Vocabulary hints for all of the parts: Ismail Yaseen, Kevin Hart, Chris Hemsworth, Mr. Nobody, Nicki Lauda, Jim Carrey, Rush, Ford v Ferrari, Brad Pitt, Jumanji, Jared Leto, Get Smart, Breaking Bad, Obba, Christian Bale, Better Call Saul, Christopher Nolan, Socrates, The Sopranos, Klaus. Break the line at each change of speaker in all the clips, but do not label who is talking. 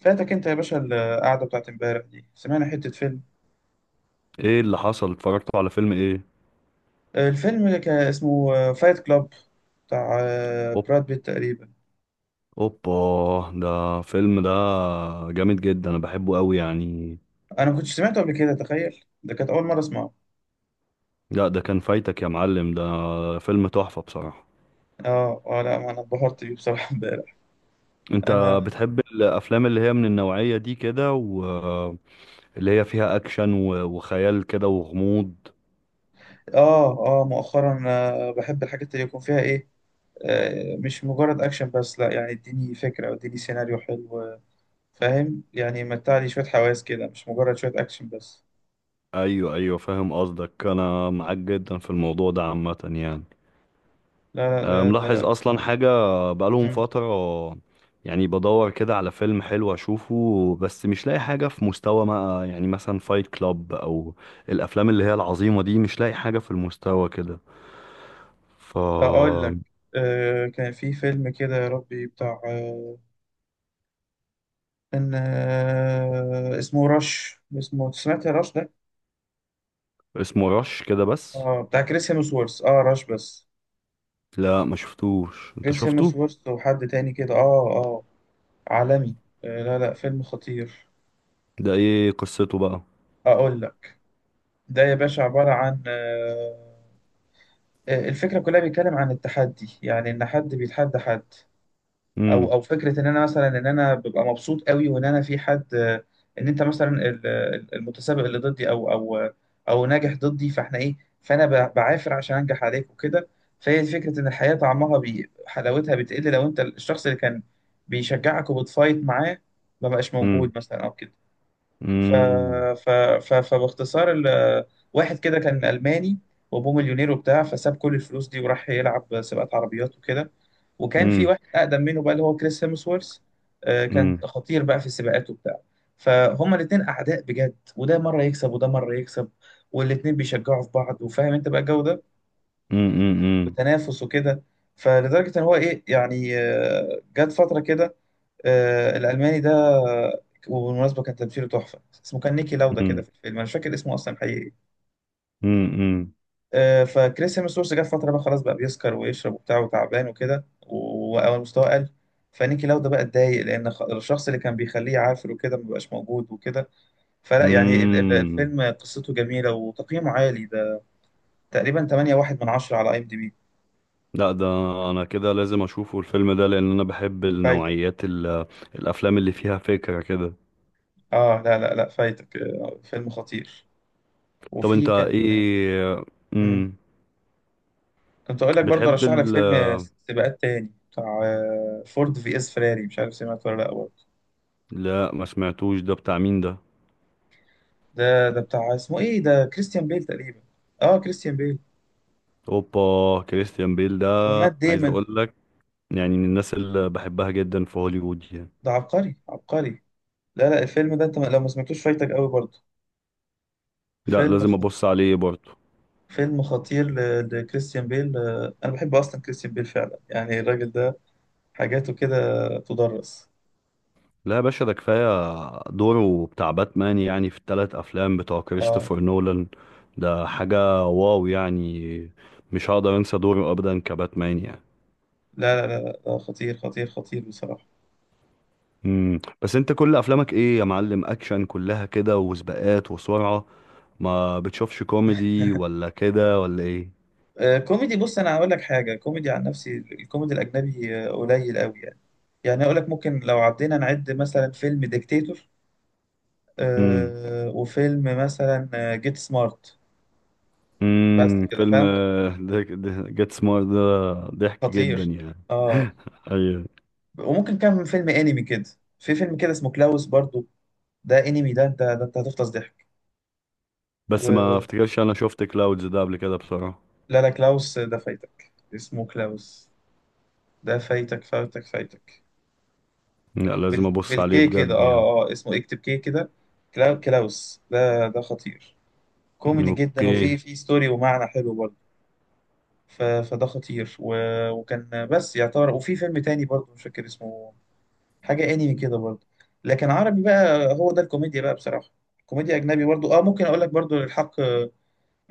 فاتك انت يا باشا القعده بتاعت امبارح دي سمعنا حته فيلم.
ايه اللي حصل؟ اتفرجتوا على فيلم ايه؟
الفيلم اللي كان اسمه فايت كلاب بتاع
اوب
براد بيت تقريبا.
اوبا. ده فيلم ده. جامد جدا، انا بحبه قوي يعني.
انا ما كنتش سمعته قبل كده، تخيل ده كانت اول مره اسمعه.
لا ده كان فايتك يا معلم. ده فيلم تحفة بصراحة.
اه اه، لا ما انا اتبهرت بيه بصراحه امبارح.
انت
انا
بتحب الافلام اللي هي من النوعية دي كده، واللي هي فيها اكشن و- وخيال كده وغموض؟
اه اه مؤخرا بحب الحاجات اللي يكون فيها ايه، مش مجرد اكشن بس، لا. يعني اديني فكره او اديني سيناريو حلو، فاهم؟ يعني متعلي شويه حواس كده، مش مجرد شويه اكشن بس.
ايوه ايوه، فاهم قصدك. انا معاك جدا في الموضوع ده عامة يعني.
لا لا
ملاحظ
لا.
اصلا حاجة، بقالهم
لا.
فترة يعني بدور كده على فيلم حلو اشوفه، بس مش لاقي حاجة في مستوى ما، يعني مثلا فايت كلاب او الافلام اللي هي العظيمة دي، مش لاقي حاجة في المستوى كده. ف
اقول لك، كان في فيلم كده يا ربي بتاع ان آه، اسمه رش، اسمه، سمعت يا رش ده؟
اسمه رش كده بس؟
اه بتاع كريس هيمسورث، اه رش بس.
لا ما شفتوش، انت
كريس
شفته؟
هيمسورث وحد تاني كده، اه اه عالمي. آه لا لا فيلم خطير.
ده ايه قصته بقى؟
اقول لك، ده يا باشا عبارة عن الفكرة كلها بيتكلم عن التحدي، يعني ان حد بيتحدى حد،
امم.
او او فكره ان انا مثلا، ان انا ببقى مبسوط قوي وان انا في حد، ان انت مثلا المتسابق اللي ضدي او او او ناجح ضدي، فاحنا ايه، فانا بعافر عشان انجح عليك وكده. فهي فكره ان الحياه طعمها بي حلاوتها بتقل لو انت الشخص اللي كان بيشجعك وبتفايت معاه ما بقاش موجود
امم.
مثلا او كده. ف...
امم.
ف... فباختصار واحد كده كان ألماني، وأبوه مليونير وبتاع، فساب كل الفلوس دي وراح يلعب سباقات عربيات وكده. وكان في
امم.
واحد أقدم منه بقى، اللي هو كريس هيمسورث. كان
امم.
خطير بقى في السباقات وبتاع. فهما الاتنين أعداء بجد، وده مرة يكسب وده مرة يكسب، والاتنين بيشجعوا في بعض، وفاهم أنت بقى الجو ده،
امم.
وتنافس وكده. فلدرجة إن هو إيه يعني، جت فترة كده، الألماني ده، وبالمناسبة كان تمثيله تحفة، اسمه كان نيكي لاودا كده
امم.
في الفيلم، أنا مش فاكر اسمه أصلا حقيقي.
امم.
فكريس هيمسورث جه في فترة بقى خلاص، بقى بيسكر ويشرب وبتاع وتعبان وكده، وأول مستواه قل. فنيكي لاودا بقى اتضايق لأن الشخص اللي كان بيخليه عافر وكده مبقاش موجود وكده. فلا يعني
امم.
الفيلم قصته جميلة وتقييمه عالي ده، تقريبا 8.1 من 10 على IMDB.
لا ده انا كده لازم اشوفه الفيلم ده، لان انا بحب
فايتك.
النوعيات الافلام اللي فيها فكرة كده.
اه لا لا لا فايتك، فيلم خطير.
طب انت
وفي كان.
ايه؟
مم.
امم.
كنت اقول لك برضه،
بتحب
ارشح لك
ال
فيلم سباقات تاني بتاع فورد في اس فيراري، مش عارف سمعت ولا لا برضه؟
لا ما سمعتوش، ده بتاع مين ده؟
ده بتاع، اسمه ايه ده، كريستيان بيل تقريبا. اه كريستيان بيل
اوبا، كريستيان بيل ده
ومات
عايز
ديمون.
اقول لك، يعني من الناس اللي بحبها جدا في هوليوود يعني.
ده عبقري عبقري. لا لا الفيلم ده انت لو ما سمعتوش فايتك قوي برضه.
لا
فيلم
لازم
خ...
ابص عليه برضه.
فيلم خطير لكريستيان بيل. انا بحب اصلا كريستيان بيل فعلا، يعني الراجل ده حاجاته كده تدرس.
لا يا باشا ده كفاية دوره بتاع باتمان، يعني في التلات أفلام بتوع
اه
كريستوفر نولان، ده حاجة واو يعني. مش هقدر أنسى دوره أبدا كباتمان يعني.
لا لا لا لا، خطير خطير خطير بصراحة.
مم. بس أنت كل أفلامك إيه يا معلم؟ أكشن كلها كده وسباقات وسرعة؟ ما بتشوفش كوميدي ولا كده ولا إيه؟
كوميدي، بص انا هقول لك حاجه. كوميدي عن نفسي، الكوميدي الاجنبي قليل قوي يعني. يعني اقول لك، ممكن لو عدينا نعد، مثلا فيلم ديكتاتور،
مم.
وفيلم مثلا جيت سمارت، بس
مم.
كده،
فيلم
فاهم؟
جيت سمارت ده ضحك جدا
خطير.
يعني.
اه.
أيوة.
وممكن كام فيلم انمي كده، في فيلم كده اسمه كلاوس برضو، ده انمي، ده انت ده انت هتفطس ضحك.
بس ما
و...
افتكرش أنا شفت كلاودز ده قبل كده بصراحة.
لا لا كلاوس ده فايتك، اسمه كلاوس، ده فايتك فايتك فايتك.
لا لازم أبص عليه
بالكي كده،
بجد يعني.
اه اه اسمه اكتب كي كده. كلاوس ده ده خطير، كوميدي جدا،
اوكي.
وفي في ستوري ومعنى حلو برضه. فده خطير وكان بس يعتبر. وفي فيلم تاني برضه مش فاكر اسمه، حاجة انمي كده برضه. لكن عربي بقى، هو ده الكوميديا بقى بصراحة. كوميديا أجنبي برضه، اه ممكن أقول لك برضه للحق،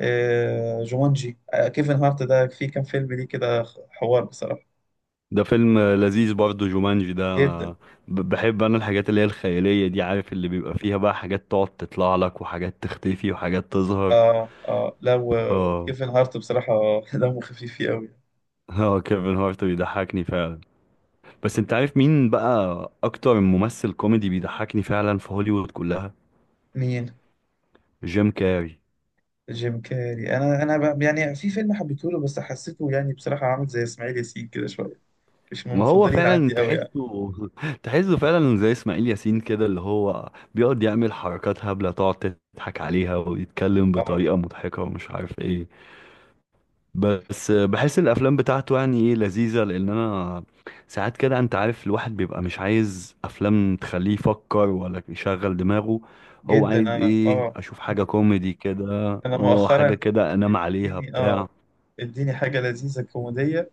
آه جومانجي، آه كيفن هارت ده في كام فيلم ليه كده، حوار بصراحة،
ده فيلم لذيذ برضه جومانجي ده.
جدا.
أنا ب- بحب انا الحاجات اللي هي الخيالية دي، عارف اللي بيبقى فيها بقى حاجات تقعد تطلع لك، وحاجات تختفي، وحاجات تظهر.
اه اه لا،
اه.
وكيفن هارت بصراحة دمه خفيف فيه أوي.
اه كيفن هارت بيضحكني فعلا. بس انت عارف مين بقى اكتر ممثل كوميدي بيضحكني فعلا في هوليوود كلها؟
مين؟
جيم كاري.
جيم كاري. انا يعني في فيلم حبيته له، بس حسيته يعني بصراحه عامل زي اسماعيل ياسين كده شويه، مش من
ما هو
المفضلين
فعلا
عندي قوي يعني.
تحسه تحسه فعلا زي اسماعيل ياسين كده، اللي هو بيقعد يعمل حركات هبلة تقعد تضحك عليها، ويتكلم
اه
بطريقة مضحكة ومش عارف ايه. بس بحس الافلام بتاعته يعني ايه، لذيذه، لان انا ساعات كده، انت عارف، الواحد بيبقى مش عايز افلام تخليه يفكر ولا يشغل دماغه. هو
جدا،
عايز
انا
ايه؟
اه،
اشوف حاجه كوميدي كده،
انا
اه حاجه
مؤخرا
كده انام عليها
اديني
بتاع.
اه، اديني حاجه لذيذه كوميديه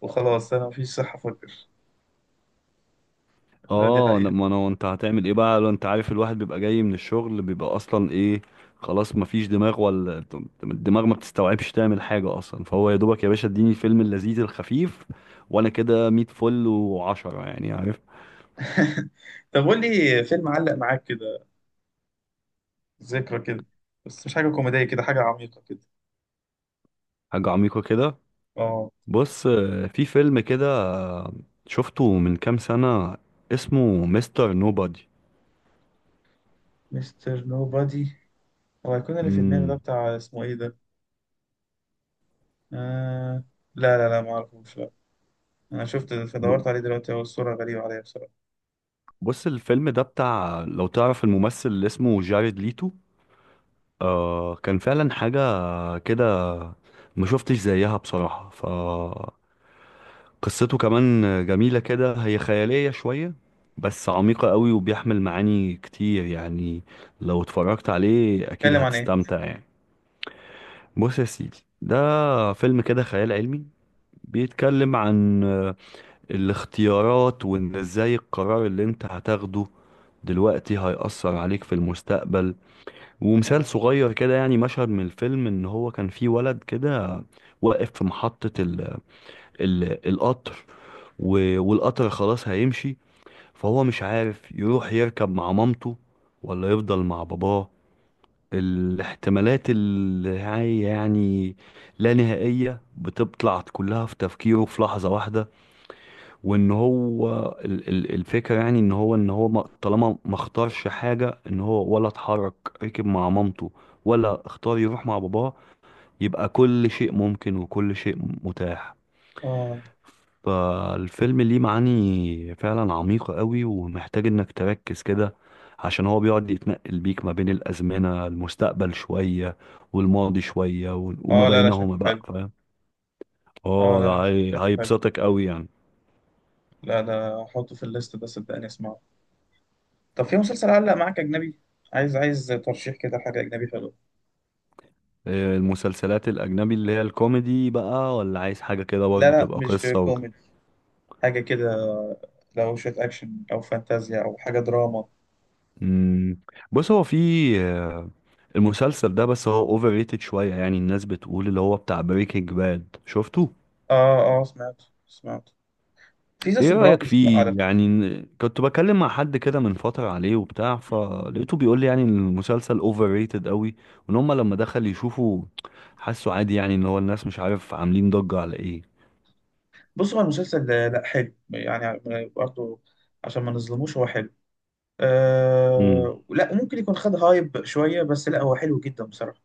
وخلاص، انا مفيش صحه افكر. لا دي
اه،
حقيقه.
ما انا انت هتعمل ايه بقى؟ لو انت عارف، الواحد بيبقى جاي من الشغل، بيبقى اصلا ايه، خلاص مفيش دماغ، ولا الدماغ ما بتستوعبش تعمل حاجه اصلا. فهو يا دوبك يا باشا، اديني الفيلم اللذيذ الخفيف وانا كده 100 فل وعشرة يعني، عارف.
طب قول لي فيلم علق معاك كده، ذكرى كده، بس مش حاجه كوميديه كده، حاجه عميقه كده.
حاجة عميقة كده.
اه
بص، في فيلم كده، شفته من كام سنة، اسمه مستر نوبادي.
مستر نوبادي، هو هيكون اللي في دماغي ده
مم.
بتاع اسمه ايه ده؟ آه... لا لا لا ما اعرفوش. انا شفت
ب-
دورت عليه دلوقتي، هو الصورة غريبة عليا بصراحة.
بص الفيلم ده بتاع، لو تعرف الممثل اللي اسمه جاريد ليتو. كان فعلا حاجة كده ما شفتش زيها بصراحة. فقصته كمان جميلة كده، هي خيالية شوية بس عميقة قوي، وبيحمل معاني كتير يعني. لو اتفرجت عليه أكيد
بيتكلم عن ايه؟
هتستمتع يعني. بص يا سيدي، ده فيلم كده خيال علمي، بيتكلم عن الاختيارات، وان ازاي القرار اللي انت هتاخده دلوقتي هيأثر عليك في المستقبل. ومثال
اه.
صغير كده، يعني مشهد من الفيلم، ان هو كان في ولد كده واقف في محطة القطر، و- والقطر خلاص هيمشي، فهو مش عارف يروح يركب مع مامته ولا يفضل مع باباه. الاحتمالات اللي هي يعني لا نهائية، بتطلع كلها في تفكيره في لحظة واحدة. وان هو، الفكرة يعني ان هو طالما ما اختارش حاجة، ان هو ولا اتحرك، ركب مع مامته ولا اختار يروح مع باباه، يبقى كل شيء ممكن وكل شيء متاح.
اه
فالفيلم ليه معاني فعلا عميقة قوي، ومحتاج انك تركز كده، عشان هو بيقعد يتنقل بيك ما بين الأزمنة، المستقبل شوية والماضي شوية، و- وما
اه لا لا
بينهما
شكله
بقى،
حلو.
فاهم.
اه
اه
لا لا
ده هي-
شكله حلو.
هيبسطك قوي يعني.
لا لا احطه في الليست ده صدقني، اسمعه. طب في مسلسل علق معاك اجنبي؟ عايز عايز ترشيح كده حاجة اجنبي حلوة.
إيه، المسلسلات الأجنبي اللي هي الكوميدي بقى، ولا عايز حاجة كده
لا
برضه
لا
تبقى
مش
قصة وكده؟
كوميدي، حاجة كده، لو شوية اكشن او فانتازيا او حاجة دراما.
مم. بص هو في آه، المسلسل ده، بس هو اوفر ريتد شوية يعني، الناس بتقول اللي هو بتاع بريكنج باد، شفته؟
اه اه سمعت سمعت. في ذا
ايه رأيك
سوبرانوس بقى
فيه
على فكرة.
يعني؟ كنت بكلم مع حد كده من فترة عليه وبتاع، فلقيته بيقول لي يعني ان المسلسل اوفر ريتد قوي، وان هم لما دخل يشوفوا حسوا عادي يعني، ان هو الناس مش عارف عاملين ضجة على ايه.
بصوا، هو المسلسل ده- لا حلو يعني برضه، عشان ما نظلموش هو حلو.
امم.
آه لا ممكن يكون خد هايب شوية، بس لا هو حلو جدا بصراحة.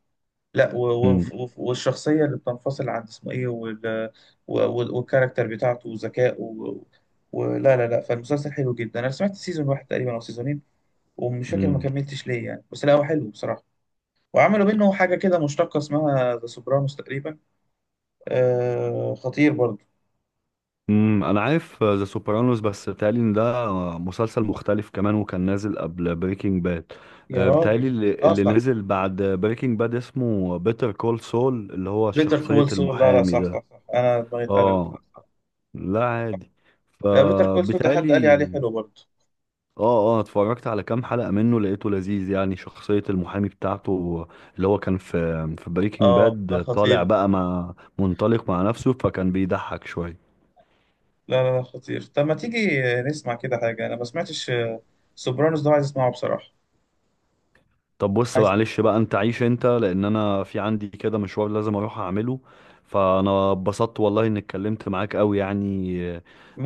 لا
امم.
والشخصية اللي بتنفصل عن اسمه ايه وال والكاركتر بتاعته وذكائه ولا لا لا. فالمسلسل حلو جدا، انا سمعت سيزون واحد تقريبا او سيزونين، ومش فاكر ما
امم.
كملتش ليه يعني، بس لا هو حلو بصراحة. وعملوا منه حاجة كده مشتقة اسمها ذا سوبرانوس تقريبا. آه خطير برضه.
انا عارف ذا سوبرانوس، بس بيتهيألي ان ده مسلسل مختلف كمان، وكان نازل قبل بريكنج باد.
يا
بيتهيألي
راجل،
اللي
اه
اللي
صح صح
نزل بعد بريكنج باد اسمه بيتر كول سول، اللي هو
بيتر
شخصية
كول سول. لا لا
المحامي
صح
ده.
صح صح، انا دماغي اتقلبت،
اه.
لا صح.
لا عادي.
لا بيتر كول سول ده حد قال لي
فبالتالي،
عليه حلو برضه.
اه اه اتفرجت على كام حلقة منه، لقيته لذيذ يعني، شخصية المحامي بتاعته اللي هو كان في بريكنج
اه ده
باد،
خطير
طالع
ده.
بقى مع منطلق مع نفسه، فكان بيضحك شوية.
لا لا لا خطير. طب ما تيجي نسمع كده حاجة، أنا ما سمعتش سوبرانوس ده، عايز أسمعه بصراحة.
طب بص
عايز.
معلش بقى، انت عيش انت، لان انا في عندي كده مشوار لازم اروح اعمله. فانا اتبسطت والله اني اتكلمت معاك قوي يعني،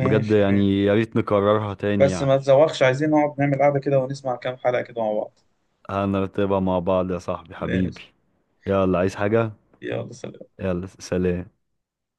بجد
ماشي.
يعني، يا ريت نكررها تاني
بس
يعني.
ما تزوقش، عايزين نقعد نعمل قعدة كده ونسمع كام حلقة كده مع بعض.
هنرتبها مع بعض يا صاحبي حبيبي.
ماشي.
يلا، عايز حاجة؟
يلا سلام.
يلا سلام.